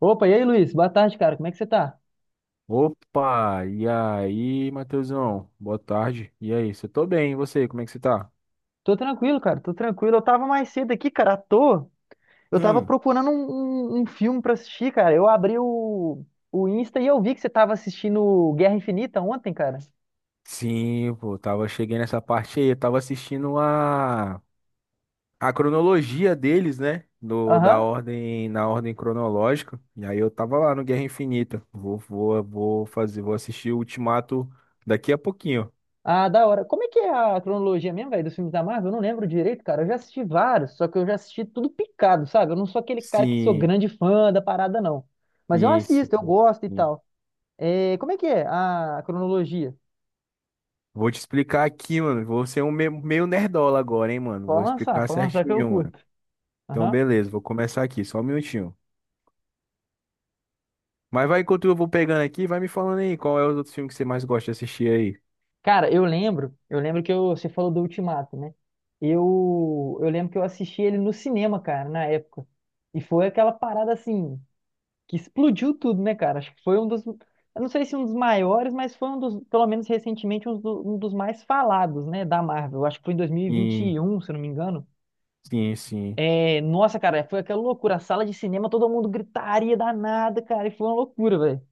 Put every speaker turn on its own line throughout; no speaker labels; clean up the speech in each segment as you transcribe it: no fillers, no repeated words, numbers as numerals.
Opa, e aí, Luiz? Boa tarde, cara. Como é que você tá?
Opa, e aí, Matheusão? Boa tarde. E aí, você tô bem, e você? Como é que você tá?
Tô tranquilo, cara. Tô tranquilo. Eu tava mais cedo aqui, cara, à toa. Eu tava
Hum,
procurando um filme pra assistir, cara. Eu abri o Insta e eu vi que você tava assistindo Guerra Infinita ontem, cara.
Sim, pô, tava cheguei nessa parte aí, eu tava assistindo a cronologia deles, né? Da
Aham.
ordem, na ordem cronológica. E aí eu tava lá no Guerra Infinita. Vou fazer, vou assistir o Ultimato daqui a pouquinho.
Ah, da hora. Como é que é a cronologia mesmo, velho, dos filmes da Marvel? Eu não lembro direito, cara. Eu já assisti vários, só que eu já assisti tudo picado, sabe? Eu não sou aquele cara que sou
Sim,
grande fã da parada, não. Mas eu
sim,
assisto, eu
sim.
gosto e
sim.
tal. É, como é que é a cronologia?
Vou te explicar aqui, mano. Vou ser um meio nerdola agora, hein, mano. Vou explicar
Pode lançar que eu
certinho, mano.
curto.
Então,
Aham.
beleza, vou começar aqui, só um minutinho. Mas vai, enquanto eu vou pegando aqui, vai me falando aí qual é os outros filmes que você mais gosta de assistir aí.
Cara, eu lembro que você falou do Ultimato, né? Eu lembro que eu assisti ele no cinema, cara, na época. E foi aquela parada assim, que explodiu tudo, né, cara? Acho que foi um dos, eu não sei se um dos maiores, mas foi um dos, pelo menos recentemente, um, um dos mais falados, né, da Marvel. Acho que foi em dois mil e vinte e
Sim,
um, se eu não me engano.
sim, sim.
É, nossa, cara, foi aquela loucura. A sala de cinema, todo mundo gritaria danada, cara, e foi uma loucura, velho.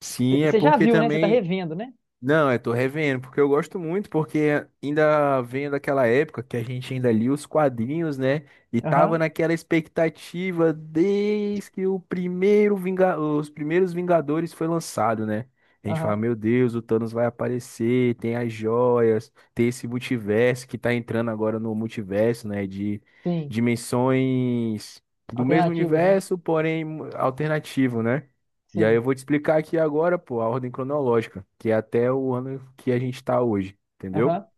Sim, é
Você já
porque
viu, né? Você tá
também.
revendo, né?
Não, eu tô revendo, porque eu gosto muito, porque ainda venho daquela época que a gente ainda lia os quadrinhos, né? E tava
Aham,
naquela expectativa desde que o os primeiros Vingadores foi lançado, né? A gente fala,
aham,
meu Deus, o Thanos vai aparecer, tem as joias, tem esse multiverso que tá entrando agora no multiverso, né? De
sim.
dimensões do mesmo
Alternativas, né?
universo, porém alternativo, né? E aí
Sim.
eu vou te explicar aqui agora, pô, a ordem cronológica, que é até o ano que a gente tá hoje, entendeu?
Aham,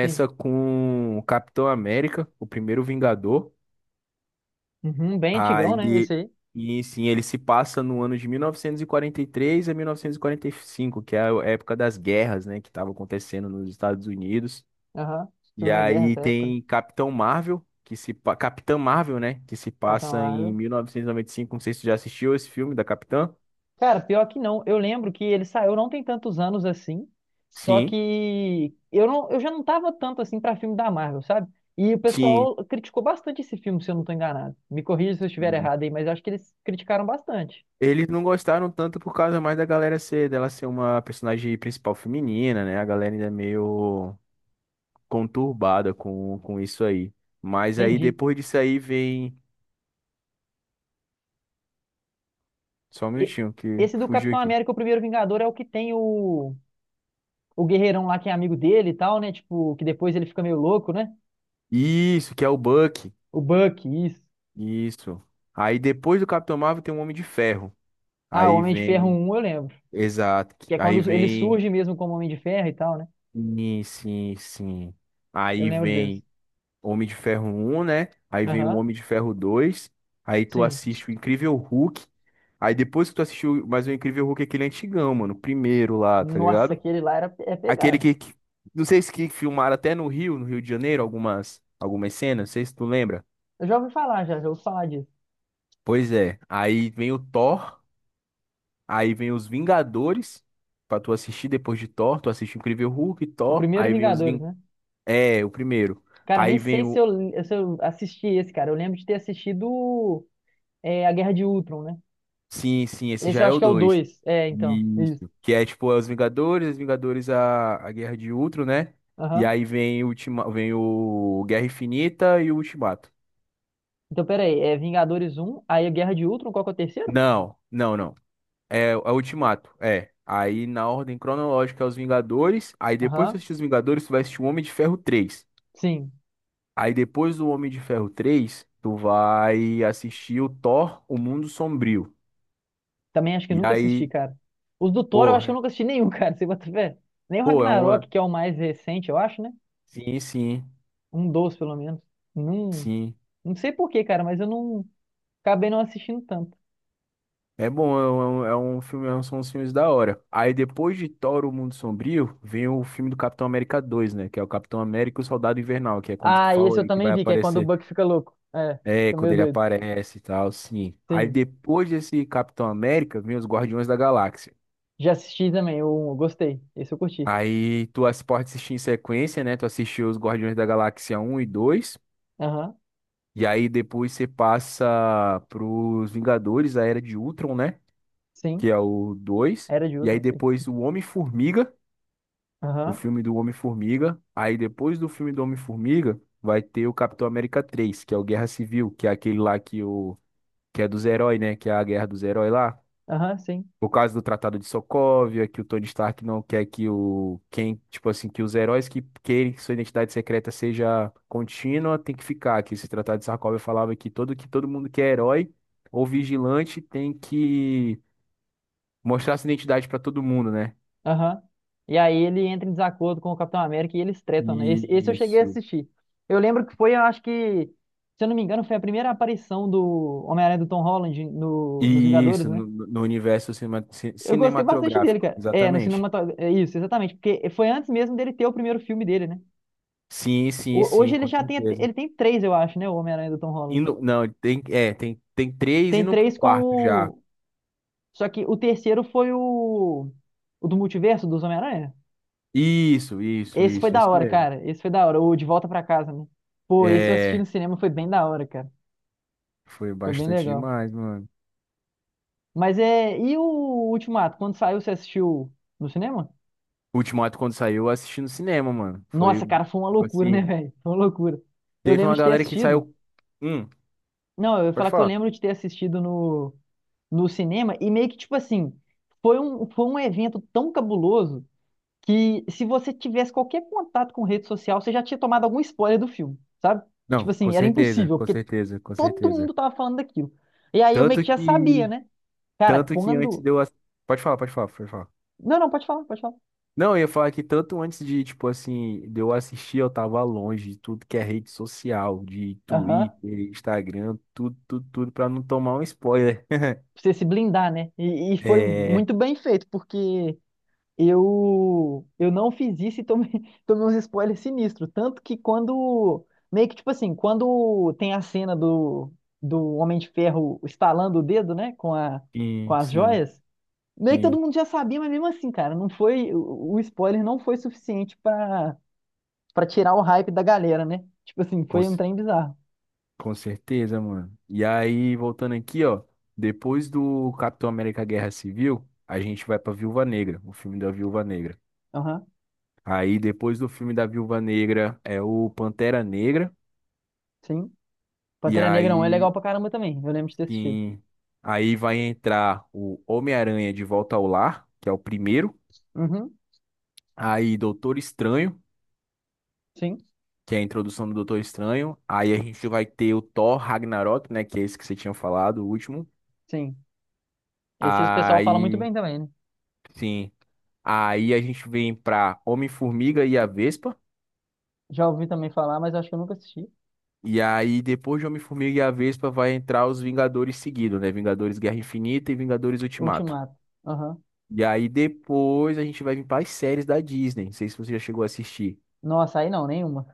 sim.
com o Capitão América, o primeiro Vingador.
Uhum, bem antigão, né?
Aí,
Esse aí.
e sim, ele se passa no ano de 1943 a 1945, que é a época das guerras, né, que estava acontecendo nos Estados Unidos.
Aham.
E
Segunda Guerra,
aí
essa época, né?
tem Capitã Marvel, né, que se
Capitão
passa em
Marvel.
1995. Não sei se você já assistiu esse filme da Capitã.
Cara, pior que não. Eu lembro que ele saiu não tem tantos anos assim. Só
Sim,
que eu não, eu já não tava tanto assim pra filme da Marvel, sabe? E o
sim.
pessoal criticou bastante esse filme, se eu não tô enganado. Me corrija se eu estiver errado aí, mas acho que eles criticaram bastante.
Eles não gostaram tanto por causa mais da galera ser, dela ser uma personagem principal feminina, né? A galera ainda é meio conturbada com isso aí. Mas aí
Entendi.
depois disso aí vem. Só um
E-
minutinho, que
Esse do
fugiu
Capitão
aqui.
América, o Primeiro Vingador, é o que tem o guerreirão lá que é amigo dele e tal, né? Tipo, que depois ele fica meio louco, né?
Isso, que é o Buck.
O Buck, isso.
Isso. Aí depois do Capitão Marvel tem um Homem de Ferro.
Ah, o
Aí
Homem de Ferro
vem.
um, eu lembro.
Exato.
Que é
Aí
quando ele
vem.
surge mesmo como Homem de Ferro e tal, né?
Sim, sim, sim.
Eu
Aí
lembro desse.
vem Homem de Ferro um, né? Aí vem o
Aham,
Homem de Ferro dois. Aí tu
sim.
assiste o Incrível Hulk. Aí depois que tu assistiu mais o Incrível Hulk, aquele é antigão, mano, o primeiro lá, tá
Nossa,
ligado?
aquele lá era, é
Aquele
pegado.
que, que- não sei se que filmaram até no Rio, no Rio de Janeiro, algumas cenas, não sei se tu lembra.
Eu já ouvi falar, já, já ouvi falar disso.
Pois é. Aí vem o Thor, aí vem os Vingadores pra tu assistir. Depois de Thor, tu assiste o Incrível Hulk,
O
Thor,
primeiro
aí vem os
Vingadores, né?
É, o primeiro.
Cara, eu nem
Aí vem
sei se eu,
o.
se eu assisti esse, cara. Eu lembro de ter assistido é, A Guerra de Ultron, né?
Sim, sim, esse
Esse
já
eu
é
acho
o
que é o
dois.
2. É, então, isso.
Isso. Que é tipo, é os Vingadores, a Guerra de Ultron, né? E
Aham.
aí vem vem o Guerra Infinita e o Ultimato.
Então, peraí, é Vingadores um, aí a Guerra de Ultron, qual que é o terceiro?
Não, não, não. É, é o Ultimato, é. Aí na ordem cronológica é os Vingadores. Aí depois que tu
Aham,
assistir os Vingadores, tu vai assistir o Homem de Ferro três.
sim.
Aí depois do Homem de Ferro três tu vai assistir o Thor, O Mundo Sombrio.
Também acho que
E
nunca assisti,
aí,
cara. Os do Thor eu
pô,
acho que eu nunca assisti nenhum, cara, você bota fé. Nem o
pô, é
Ragnarok,
uma.
que é o mais recente, eu acho, né?
Sim, sim,
Um dos, pelo menos. Não,
sim.
não sei por quê, cara, mas eu não acabei não assistindo tanto.
É bom, é um filme, é um, são uns filmes da hora. Aí depois de Thor, O Mundo Sombrio, vem o filme do Capitão América dois, né? Que é o Capitão América e o Soldado Invernal, que é quando tu
Ah, e
falou
esse eu
aí que
também
vai
vi, que é quando o
aparecer.
Buck fica louco. É,
É,
fica
quando
meio
ele
doido.
aparece e tal, sim. Aí
Sim.
depois desse Capitão América, vem os Guardiões da Galáxia.
Já assisti também, eu, gostei. Esse eu curti.
Pode assistir em sequência, né? Tu assistiu os Guardiões da Galáxia um e dois.
Aham,
E aí depois você passa pros Vingadores, a Era de Ultron, né? Que
sim.
é o dois.
Era de
E aí
Ultron, sim.
depois o Homem-Formiga, o
Aham,
filme do Homem-Formiga. Aí depois do filme do Homem-Formiga, vai ter o Capitão América três, que é o Guerra Civil, que é aquele lá que o que é dos heróis, né? Que é a guerra dos heróis lá.
aham, sim.
Por causa do Tratado de Sokovia, que o Tony Stark não quer que o quem, tipo assim, que os heróis que querem que sua identidade secreta seja contínua, tem que ficar. Que esse Tratado de Sokovia falava que todo mundo que é herói ou vigilante tem que mostrar sua identidade para todo mundo, né?
Aham. E aí ele entra em desacordo com o Capitão América e eles tretam, né? Esse eu cheguei a
Isso.
assistir. Eu lembro que foi, eu acho que, se eu não me engano, foi a primeira aparição do Homem-Aranha do Tom Holland no, nos
E
Vingadores,
isso,
né?
no universo
Eu gostei bastante dele,
cinematográfico,
cara. É, no
exatamente.
cinematográfico. É isso, exatamente. Porque foi antes mesmo dele ter o primeiro filme dele, né?
Sim, sim, sim,
Hoje ele
com
já tem,
certeza.
ele tem três, eu acho, né? O Homem-Aranha do Tom Holland.
Indo, não, tem, é, tem, tem três
Tem
indo pro
três com
quarto já.
o. Só que o terceiro foi o. O do multiverso dos Homem-Aranha?
Isso, isso,
Esse foi
isso,
da
isso
hora,
mesmo.
cara. Esse foi da hora. O De Volta Pra Casa, né? Pô, esse eu assisti no
É,
cinema, foi bem da hora, cara.
foi
Foi bem
bastante
legal.
demais, mano.
Mas é. E o Ultimato? Quando saiu, você assistiu no cinema?
O Ultimato, quando saiu, eu assisti no cinema, mano. Foi,
Nossa, cara, foi uma
tipo
loucura, né,
assim,
velho? Foi uma loucura. Eu
teve
lembro
uma
de ter
galera que
assistido.
saiu. Hum,
Não, eu ia
pode
falar que eu
falar.
lembro de ter assistido no, no cinema e meio que, tipo assim, foi um evento tão cabuloso que se você tivesse qualquer contato com rede social, você já tinha tomado algum spoiler do filme, sabe? Tipo
Não, com
assim, era
certeza,
impossível,
com
porque
certeza, com
todo
certeza.
mundo tava falando daquilo. E aí eu meio que
Tanto
já sabia,
que,
né? Cara,
tanto que antes
quando.
de Pode falar, pode falar, pode falar.
Não, não, pode falar, pode falar.
Não, eu ia falar que tanto antes de, tipo assim, de eu assistir, eu tava longe de tudo que é rede social, de
Aham.
Twitter, Instagram, tudo, tudo, tudo, pra não tomar um spoiler.
Pra você se blindar, né? E foi
É,
muito bem feito, porque eu não fiz isso e tomei, tomei uns spoilers sinistros. Tanto que quando. Meio que tipo assim, quando tem a cena do, do Homem de Ferro estalando o dedo, né? Com a, com
sim,
as
sim,
joias. Meio que todo
sim,
mundo já sabia, mas mesmo assim, cara, não foi. O spoiler não foi suficiente pra tirar o hype da galera, né? Tipo assim,
com,
foi um
c-
trem bizarro.
com certeza, mano. E aí, voltando aqui, ó, depois do Capitão América Guerra Civil, a gente vai pra Viúva Negra, o filme da Viúva Negra.
Aham,
Aí, depois do filme da Viúva Negra, é o Pantera Negra.
sim.
E
Pantera Negra 1 é legal
aí
pra caramba também. Eu lembro de ter assistido.
sim. Aí vai entrar o Homem-Aranha de Volta ao Lar, que é o primeiro.
Uhum,
Aí Doutor Estranho,
sim,
que é a introdução do Doutor Estranho. Aí a gente vai ter o Thor Ragnarok, né? Que é esse que você tinha falado, o último.
sim. Esse o pessoal fala muito
Aí,
bem também, né?
sim. Aí a gente vem pra Homem-Formiga e a Vespa.
Já ouvi também falar, mas acho que eu nunca assisti.
E aí, depois de Homem-Formiga e a Vespa, vai entrar os Vingadores seguido, né? Vingadores Guerra Infinita e Vingadores Ultimato.
Ultimato. Aham.
E aí, depois a gente vai vir para as séries da Disney. Não sei se você já chegou a assistir.
Nossa, aí não, nenhuma.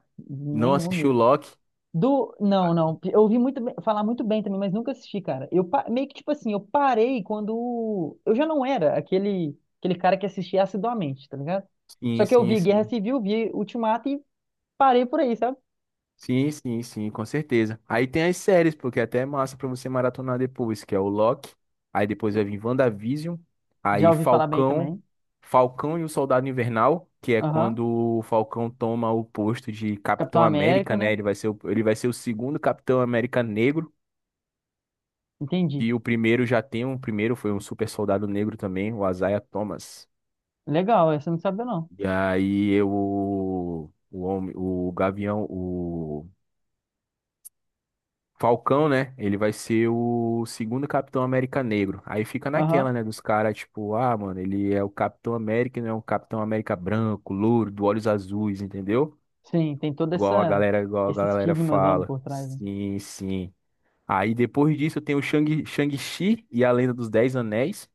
Não
Nenhuma
assistiu
mesmo.
Loki?
Do. Não, não. Eu ouvi muito falar muito bem também, mas nunca assisti, cara. Meio que, tipo assim, eu parei quando. Eu já não era aquele cara que assistia assiduamente, tá ligado?
Sim,
Só que eu
sim,
vi Guerra
sim.
Civil, vi Ultimato e parei por aí, sabe?
Sim, sim, sim, com certeza. Aí tem as séries, porque até é massa pra você maratonar depois, que é o Loki. Aí depois vai vir WandaVision.
Já
Aí
ouvi falar bem
Falcão.
também.
Falcão e o Soldado Invernal, que é
Aham.
quando o Falcão toma o posto de
Capitão
Capitão
América,
América, né?
né?
Ele vai ser o segundo Capitão América negro.
Entendi.
E o primeiro já tem um. O primeiro foi um super soldado negro também, o Isaiah Thomas.
Legal, essa eu não sabia, não.
E aí eu, o, homem, o Gavião, o. Falcão, né? Ele vai ser o segundo Capitão América negro. Aí fica naquela,
Aham.
né? Dos caras, tipo, ah, mano, ele é o Capitão América, e não é um Capitão América branco, louro, do olhos azuis, entendeu?
Sim, tem todo
Igual a
essa,
galera, igual a
esse
galera
estigmazão
fala.
por trás, né?
Sim, sim. Aí depois disso tem o Shang-Chi e a Lenda dos Dez Anéis,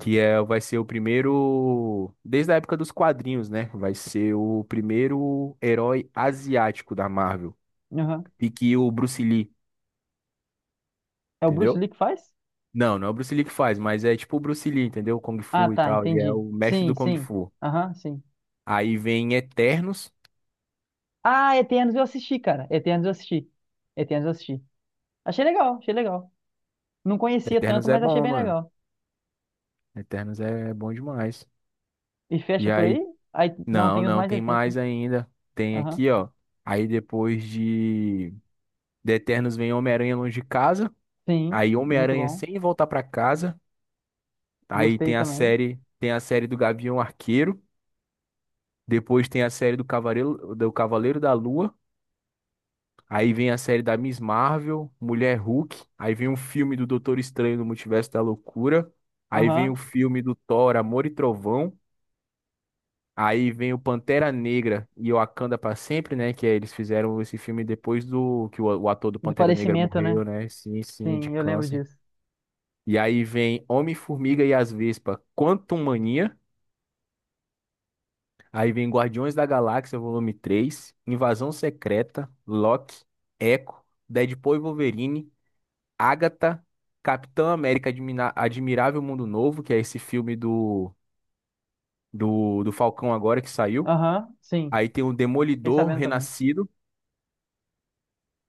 que é, vai ser o primeiro, desde a época dos quadrinhos, né? Vai ser o primeiro herói asiático da Marvel.
Aham.
E que o Bruce Lee,
É o Bruce
entendeu?
Lee que faz?
Não, não é o Bruce Lee que faz, mas é tipo o Bruce Lee, entendeu? O Kung
Ah,
Fu e
tá,
tal. Ele é
entendi.
o mestre
Sim,
do Kung
sim.
Fu.
Aham, sim.
Aí vem Eternos.
Ah, Eternos eu assisti, cara. Eternos eu assisti. Eternos eu assisti. Achei legal, achei legal. Não conhecia tanto,
Eternos é
mas achei
bom,
bem
mano.
legal.
Eternos é bom demais.
E fecha
E
por aí?
aí,
Aí não
não,
tem os
não,
mais
tem
recentes, né?
mais ainda. Tem
Aham.
aqui, ó. Aí depois de Eternos vem Homem-Aranha Longe de Casa.
Sim,
Aí
muito
Homem-Aranha
bom.
Sem Voltar Pra Casa. Aí
Gostei
tem a
também.
série, tem a série do Gavião Arqueiro. Depois tem a série do Cavaleiro da Lua. Aí vem a série da Miss Marvel, Mulher Hulk. Aí vem um filme do Doutor Estranho no Multiverso da Loucura. Aí vem o
Aham.
filme do Thor, Amor e Trovão. Aí vem o Pantera Negra e Wakanda pra sempre, né? Que é, eles fizeram esse filme depois do que o ator do
Do
Pantera Negra
falecimento, né?
morreu, né? Sim, sim, de
Sim, eu lembro
câncer.
disso.
E aí vem Homem-Formiga e as Vespas, Quantum Mania. Aí vem Guardiões da Galáxia, volume Três, Invasão Secreta, Loki, Echo, Deadpool e Wolverine. Agatha, Capitão América Admirável Mundo Novo, que é esse filme do Falcão agora que saiu.
Aham, sim.
Aí tem o
Fiquei
Demolidor
sabendo também.
Renascido,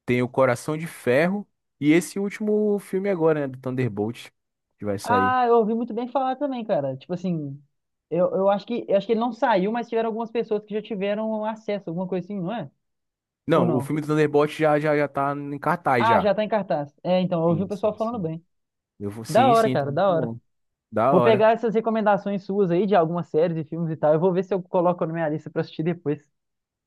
tem o Coração de Ferro e esse último filme agora, né, do Thunderbolt, que vai sair.
Ah, eu ouvi muito bem falar também, cara. Tipo assim, eu acho que ele não saiu, mas tiveram algumas pessoas que já tiveram acesso, alguma coisa assim, não é? Ou
Não, o
não?
filme do Thunderbolt já tá em cartaz
Ah,
já.
já tá em cartaz. É, então, eu ouvi o
Sim,
pessoal
sim,
falando
sim.
bem.
Eu vou,
Da
sim,
hora,
sim, tá
cara,
muito
da hora.
bom. Da
Vou
hora.
pegar essas recomendações suas aí de algumas séries e filmes e tal. Eu vou ver se eu coloco na minha lista pra assistir depois.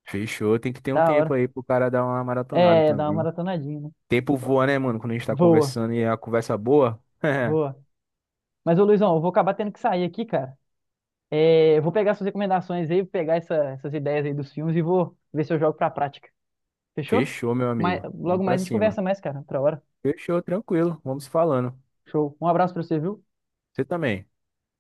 Fechou, tem que ter um
Da
tempo
hora.
aí pro cara dar uma maratonada
É, dá uma
também.
maratonadinha, né?
Tempo voa, né, mano, quando a gente tá
Boa,
conversando e é a conversa boa.
boa. Mas, ô Luizão, eu vou acabar tendo que sair aqui, cara. É, eu vou pegar suas recomendações aí, vou pegar essas ideias aí dos filmes e vou ver se eu jogo pra prática. Fechou?
Fechou, meu
Mas,
amigo.
logo
Vamos
mais
pra
a gente
cima.
conversa mais, cara. Outra hora.
Fechou, tranquilo. Vamos se falando.
Show. Um abraço pra você, viu?
Você também.